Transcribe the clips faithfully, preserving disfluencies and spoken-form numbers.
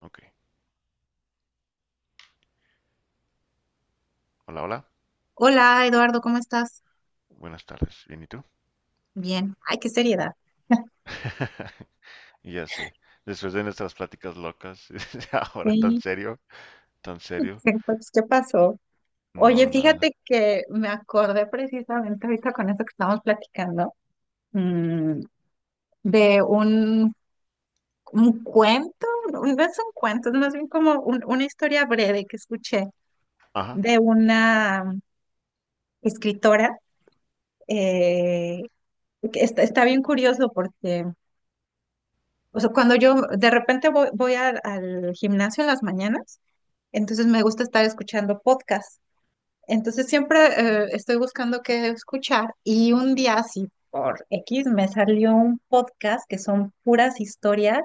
Ok. Hola, hola. Hola Eduardo, ¿cómo estás? Buenas tardes. ¿Bien y tú? Bien. Ay, qué seriedad. Ya sé. Después de nuestras pláticas locas, ahora tan Sí, serio, tan serio. pues, ¿qué pasó? Oye, No, nada. fíjate que me acordé precisamente ahorita con eso que estábamos platicando, mm, de un, un cuento, no no es un cuento, es más bien como un- una historia breve que escuché Ajá. de una mm, escritora. eh, que está, está bien curioso porque, o sea, cuando yo de repente voy, voy al al gimnasio en las mañanas, entonces me gusta estar escuchando podcasts. Entonces siempre eh, estoy buscando qué escuchar y un día así por X me salió un podcast que son puras historias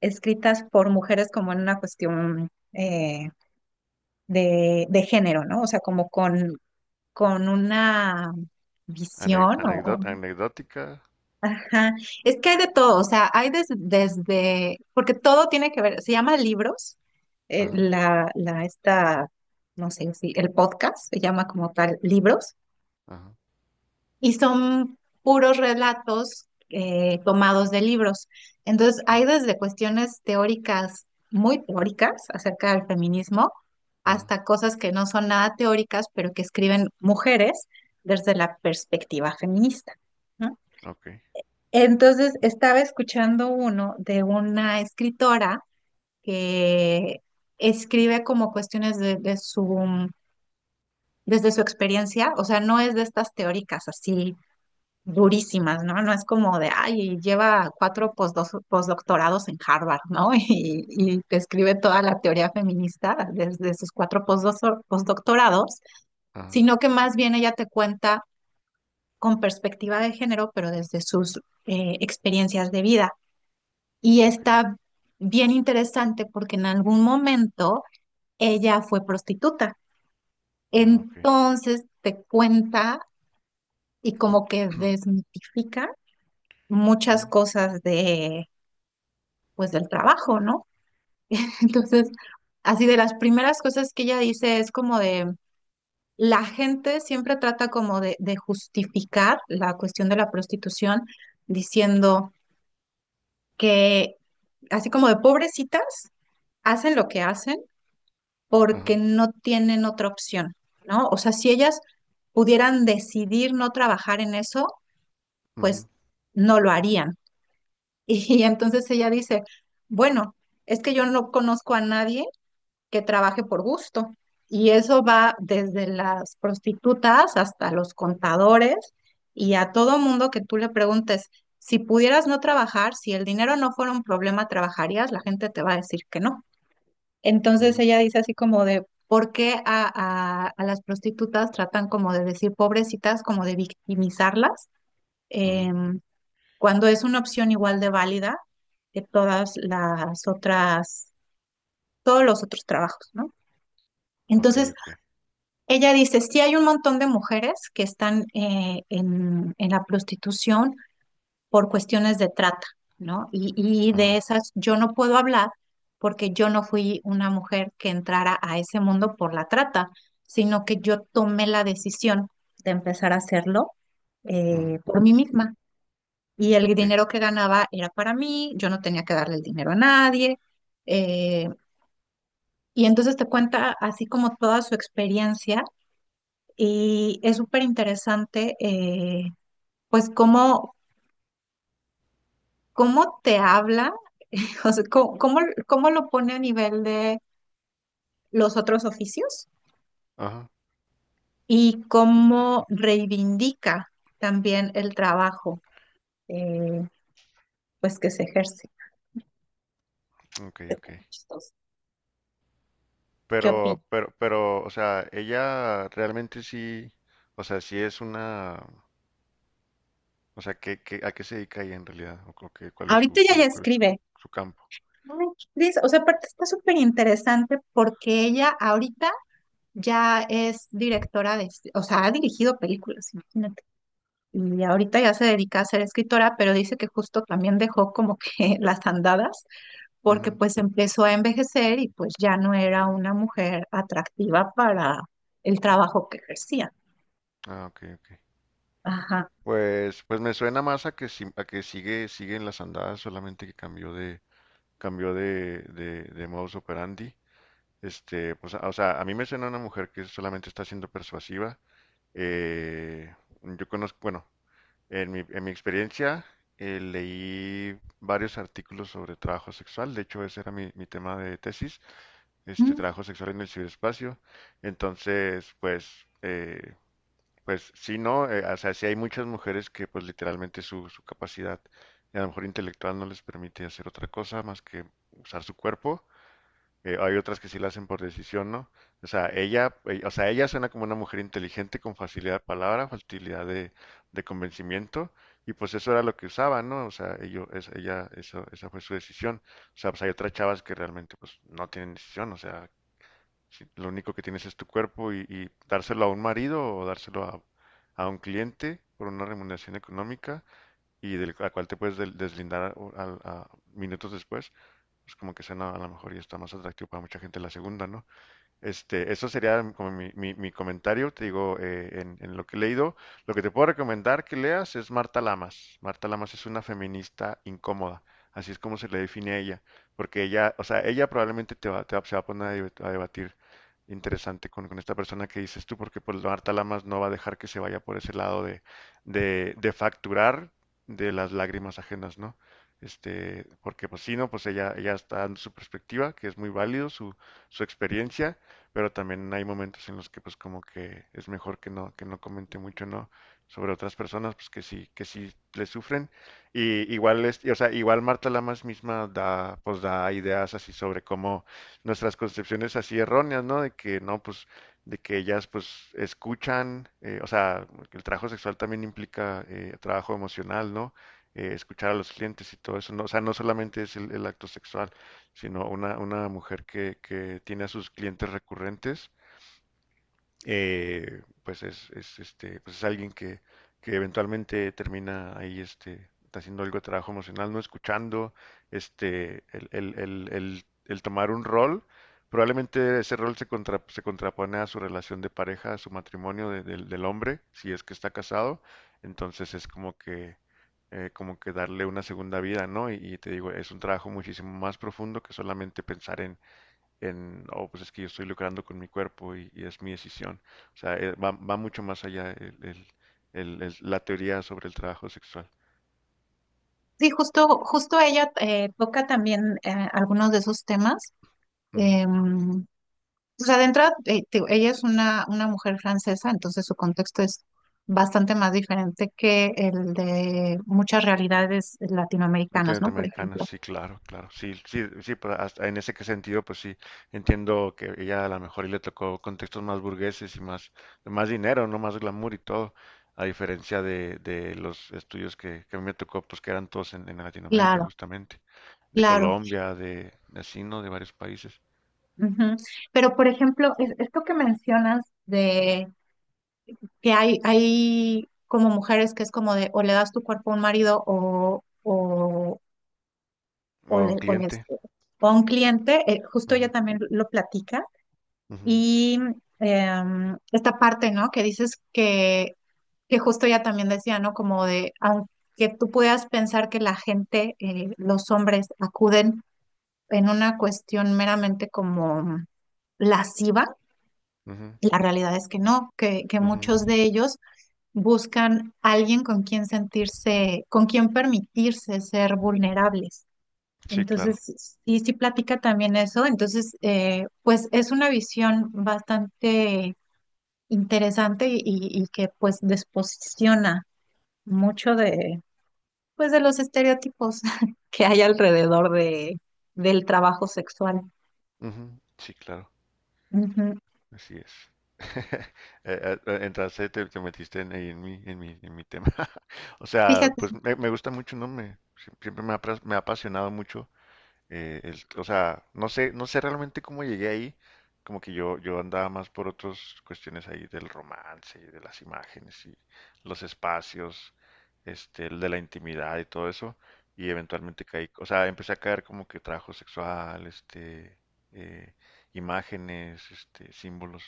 escritas por mujeres como en una cuestión eh, de, de género, ¿no? O sea, como con, con una Ane- visión o... anecdot- anecdótica. Ajá. Es que hay de todo, o sea, hay des- desde... Porque todo tiene que ver, se llama libros, eh, Ajá, la, la, esta, no sé si, el podcast se llama como tal libros. ajá, Y son puros relatos eh, tomados de libros. Entonces, ujú, hay desde cuestiones teóricas, muy teóricas, acerca del feminismo, ajá. hasta cosas que no son nada teóricas, pero que escriben mujeres desde la perspectiva feminista, ¿no? Ok, Entonces, estaba escuchando uno de una escritora que escribe como cuestiones de, de su, desde su experiencia, o sea, no es de estas teóricas así durísimas, ¿no? No es como de, ay, lleva cuatro posdo- postdoctorados en Harvard, ¿no? Y, y te escribe toda la teoría feminista desde sus cuatro postdo- postdoctorados, ajá, sino que más bien ella te cuenta con perspectiva de género, pero desde sus eh, experiencias de vida. Y ok, está bien interesante porque en algún momento ella fue prostituta. mm, ok. Entonces te cuenta y como que desmitifica muchas Ujú, cosas pues del trabajo, ¿no? Entonces, así de las primeras cosas que ella dice es como de, la gente siempre trata como de, de justificar la cuestión de la prostitución diciendo que, así como de pobrecitas, hacen lo que hacen porque ajá, no tienen otra opción, ¿no? O sea, si ellas pudieran decidir no trabajar en eso, ujú, pues no lo harían. Y entonces ella dice, bueno, es que yo no conozco a nadie que trabaje por gusto. Y eso va desde las prostitutas hasta los contadores y a todo mundo que tú le preguntes, si pudieras no trabajar, si el dinero no fuera un problema, ¿trabajarías? La gente te va a decir que no. Entonces ujú, ella dice así como de, ¿por qué a, a- a las prostitutas tratan como de decir pobrecitas, como de victimizarlas, ujú, em, cuando es una opción igual de válida que todas las otras, todos los otros trabajos, ¿no? ok, Entonces, ok. ella dice, sí hay un montón de mujeres que están eh, en, en la prostitución por cuestiones de trata, ¿no? Y, y de Ajá, esas yo no puedo hablar porque yo no fui una mujer que entrara a ese mundo por la trata, sino que yo tomé la decisión de empezar a hacerlo ujú, eh, por mí misma. Y el ok. dinero que ganaba era para mí, yo no tenía que darle el dinero a nadie. eh, y entonces te cuenta así como toda su experiencia. Y es súper interesante, eh, pues, cómo, cómo te habla, o sea, cómo, cómo- cómo lo pone a nivel de los otros oficios Ajá, y cómo reivindica también el trabajo, eh, pues, que se ejerce. ok, Está ok. muy chistoso. ¿Qué opinas? Pero, pero, pero, o sea, ella realmente sí, o sea, sí es una. O sea, ¿qué, qué, a qué se dedica ella en realidad? ¿O co- qué- cuál es Ahorita su, ella ya cuál, cuál es su, escribe. su campo? Ay, qué triste. O sea, aparte está súper interesante porque ella ahorita ya es directora de, o sea, ha dirigido películas, imagínate. Y ahorita ya se dedica a ser escritora, pero dice que justo también dejó como que las andadas porque Ujú. pues empezó a envejecer y pues ya no era una mujer atractiva para el trabajo que ejercía. Ah, ok, ok. Ajá. Pues, pues me suena más a que, si- a que sigue, sigue en las andadas, solamente que cambió de, cambió de, de, de modus operandi. Este, pues, a- o sea, a mí me suena una mujer que solamente está siendo persuasiva. Eh, yo conozco, bueno, en mi, en mi experiencia eh, leí varios artículos sobre trabajo sexual. De hecho, ese era mi, mi tema de tesis. Este Mm. trabajo sexual en el ciberespacio. Entonces, pues, eh, pues sí, no, Eh, o sea, sí hay muchas mujeres que pues literalmente su, su capacidad, a lo mejor intelectual, no les permite hacer otra cosa más que usar su cuerpo. Eh, hay otras que sí la hacen por decisión, ¿no? O sea, ella, eh, o sea, ella suena como una mujer inteligente con facilidad de palabra, facilidad de, de convencimiento, y pues eso era lo que usaba, ¿no? O sea, ello, es- ella, eso, esa fue su decisión. O sea, pues hay otras chavas que realmente pues no tienen decisión, o sea, si lo único que tienes es tu cuerpo y, y dárselo a un marido o dárselo a, a un cliente por una remuneración económica y del la cual te puedes del- deslindar a- a- a minutos después, pues como que suena a lo mejor y está más atractivo para mucha gente la segunda, ¿no? Este, eso sería como mi, mi- mi comentario, te digo, eh, en, en lo que he leído. Lo que te puedo recomendar que leas es Marta Lamas. Marta Lamas es una feminista incómoda, así es como se le define a ella, porque ella, o sea, ella probablemente te va, te va- se va a poner a debate- a debatir interesante con, con esta persona que dices tú, porque pues Marta Lamas no va a dejar que se vaya por ese lado de, de, de facturar de las lágrimas ajenas, ¿no? Este, porque pues sí, no, pues ella, ella está dando su perspectiva, que es muy válido, su, su experiencia, pero también hay momentos en los que pues como que es mejor que no, que no comente mucho, ¿no? Sobre otras personas, pues que sí, que sí le sufren. Y igual es, y, o sea, igual Marta Lamas misma da, pues da ideas así sobre cómo nuestras concepciones así erróneas, ¿no? De que no, pues, de que ellas pues escuchan, eh, o sea, que el trabajo sexual también implica eh, trabajo emocional, ¿no? Eh, escuchar a los clientes y todo eso, ¿no? O sea, no solamente es el el acto sexual sino una, una mujer que, que tiene a sus clientes recurrentes eh, pues es, es, este, pues es alguien que, que eventualmente termina ahí este, haciendo algo de trabajo emocional, no escuchando, este, el, el, el, el, el tomar un rol. Probablemente ese rol se, contra, se contrapone a su relación de pareja, a su matrimonio de- del del hombre, si es que está casado. Entonces es como que, eh, como que darle una segunda vida, ¿no? Y, y te digo, es un trabajo muchísimo más profundo que solamente pensar en, en, oh, pues es que yo estoy lucrando con mi cuerpo y, y es mi decisión. O sea, eh, va, va mucho más allá el- el- el- el- la teoría sobre el trabajo sexual. Sí, justo, justo ella eh, toca también eh, algunos de esos temas. Ujú. Em, o sea, de entrada, eh, te digo, ella es una, una mujer francesa, entonces su contexto es bastante más diferente que el de muchas realidades latinoamericanas, Netamente ¿no? Por americana, ejemplo. sí, claro, claro. Sí, sí, sí, pero hasta en ese que sentido, pues sí, entiendo que ella a lo mejor y le tocó contextos más burgueses y más, más dinero, no más glamour y todo, a diferencia de, de los estudios que, que a mí me tocó, pues que eran todos en, en Latinoamérica, Claro. justamente, de Claro. Colombia, de, de así, ¿no? De varios países, Ujú. Pero, por ejemplo, es- esto que mencionas de que hay, hay como mujeres que es como de o le das tu cuerpo a un marido o, o, o o, a le- un o les- cliente. o a un cliente, eh, justo ella también lo platica. Ujú, Y em, esta parte, ¿no? Que dices que, que justo ella también decía, ¿no? Como de, aunque tú puedas pensar que la gente, eh, los hombres acuden en una cuestión meramente como mm, lasciva. ujú, La realidad es que no, que, que ujú. muchos de ellos buscan alguien con quien sentirse, con quien permitirse ser vulnerables. Sí, claro. Entonces, y si platica también eso. Entonces, eh, pues es una visión bastante interesante y, y que pues desposiciona mucho de, pues de los estereotipos que hay alrededor de, del trabajo sexual. Ujú, sí, claro. Ujú. Así es. Eh, eh, Entraste, te, te metiste en, ahí en mi, en mi, en mi tema. O sea, Fíjate. pues me, me gusta mucho, ¿no? Me, si, siempre me ha, apras- me ha apasionado mucho. Eh, el- o sea, no sé, no sé realmente cómo llegué ahí. Como que yo, yo andaba más por otras cuestiones ahí del romance y de las imágenes y los espacios, este, el de la intimidad y todo eso. Y eventualmente caí, o sea, empecé a caer como que trabajo sexual, este, eh, imágenes, este, símbolos.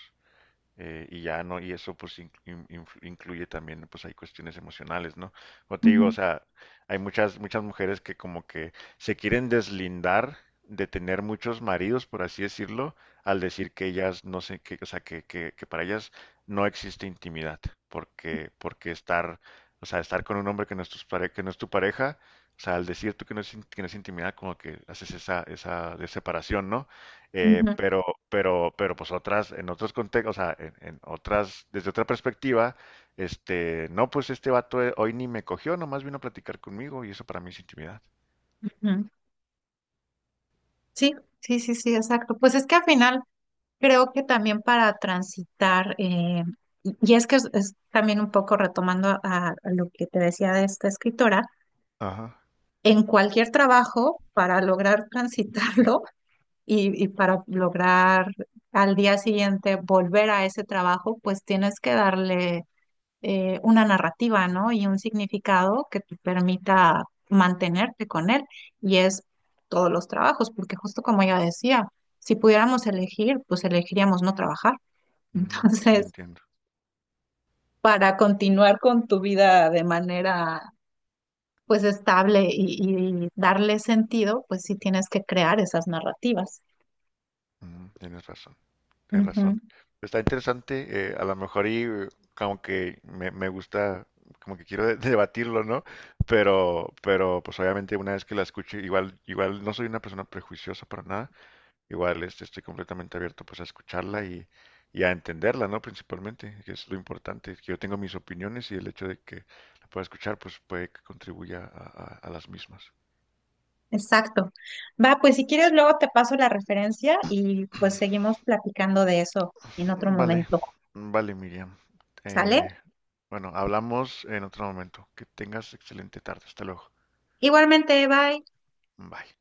Eh, y ya no, y eso pues in- in- influ- incluye también pues hay cuestiones emocionales, ¿no? Como te digo, o Ujú, sea, hay muchas, muchas mujeres que como que se quieren deslindar de tener muchos maridos, por así decirlo, al decir que ellas no sé qué, o sea, que, que, que para ellas no existe intimidad, porque, porque estar, o sea, estar con un hombre que no es tu pare- que no es tu pareja, o sea, al decir tú que no es, in- que no es intimidad, como que haces esa, esa separación, ¿no? Eh, ujú, pero, pero, pero pues otras, en otros contextos, o sea, en, en otras, desde otra perspectiva, este, no, pues este vato eh, hoy ni me cogió, nomás vino a platicar conmigo y eso para mí es intimidad. ujú. Sí, sí, sí, sí, exacto. Pues es que al final creo que también para transitar, eh, y y es que es, es también un poco retomando a, a lo que te decía de esta escritora, Ajá, en cualquier trabajo, para lograr transitarlo y, y para lograr al día siguiente volver a ese trabajo, pues tienes que darle eh, una narrativa, ¿no? Y un significado que te permita mantenerte con él. Y es todos los trabajos, porque justo como ella decía, si pudiéramos elegir, pues elegiríamos no trabajar. ujú, sí Entonces, entiendo, para continuar con tu vida de manera, pues, estable y, y darle sentido, pues sí tienes que crear esas narrativas. ujú, tienes razón, tienes Ujú. razón. Está interesante, eh, a lo mejor y eh, como que me, me gusta, como que quiero de- debatirlo, ¿no? Pero, pero pues obviamente una vez que la escuche, igual, igual no soy una persona prejuiciosa para nada, igual, este, estoy completamente abierto pues a escucharla y, y a entenderla, ¿no? Principalmente, que es lo importante, que yo tengo mis opiniones y el hecho de que la pueda escuchar pues puede que contribuya a, a- a las mismas. Exacto. Va, pues si quieres, luego te paso la referencia y pues seguimos platicando de eso en otro Vale, momento. vale, Miriam. ¿Sale? Eh, bueno, hablamos en otro momento. Que tengas excelente tarde. Hasta luego. Igualmente, bye. Bye.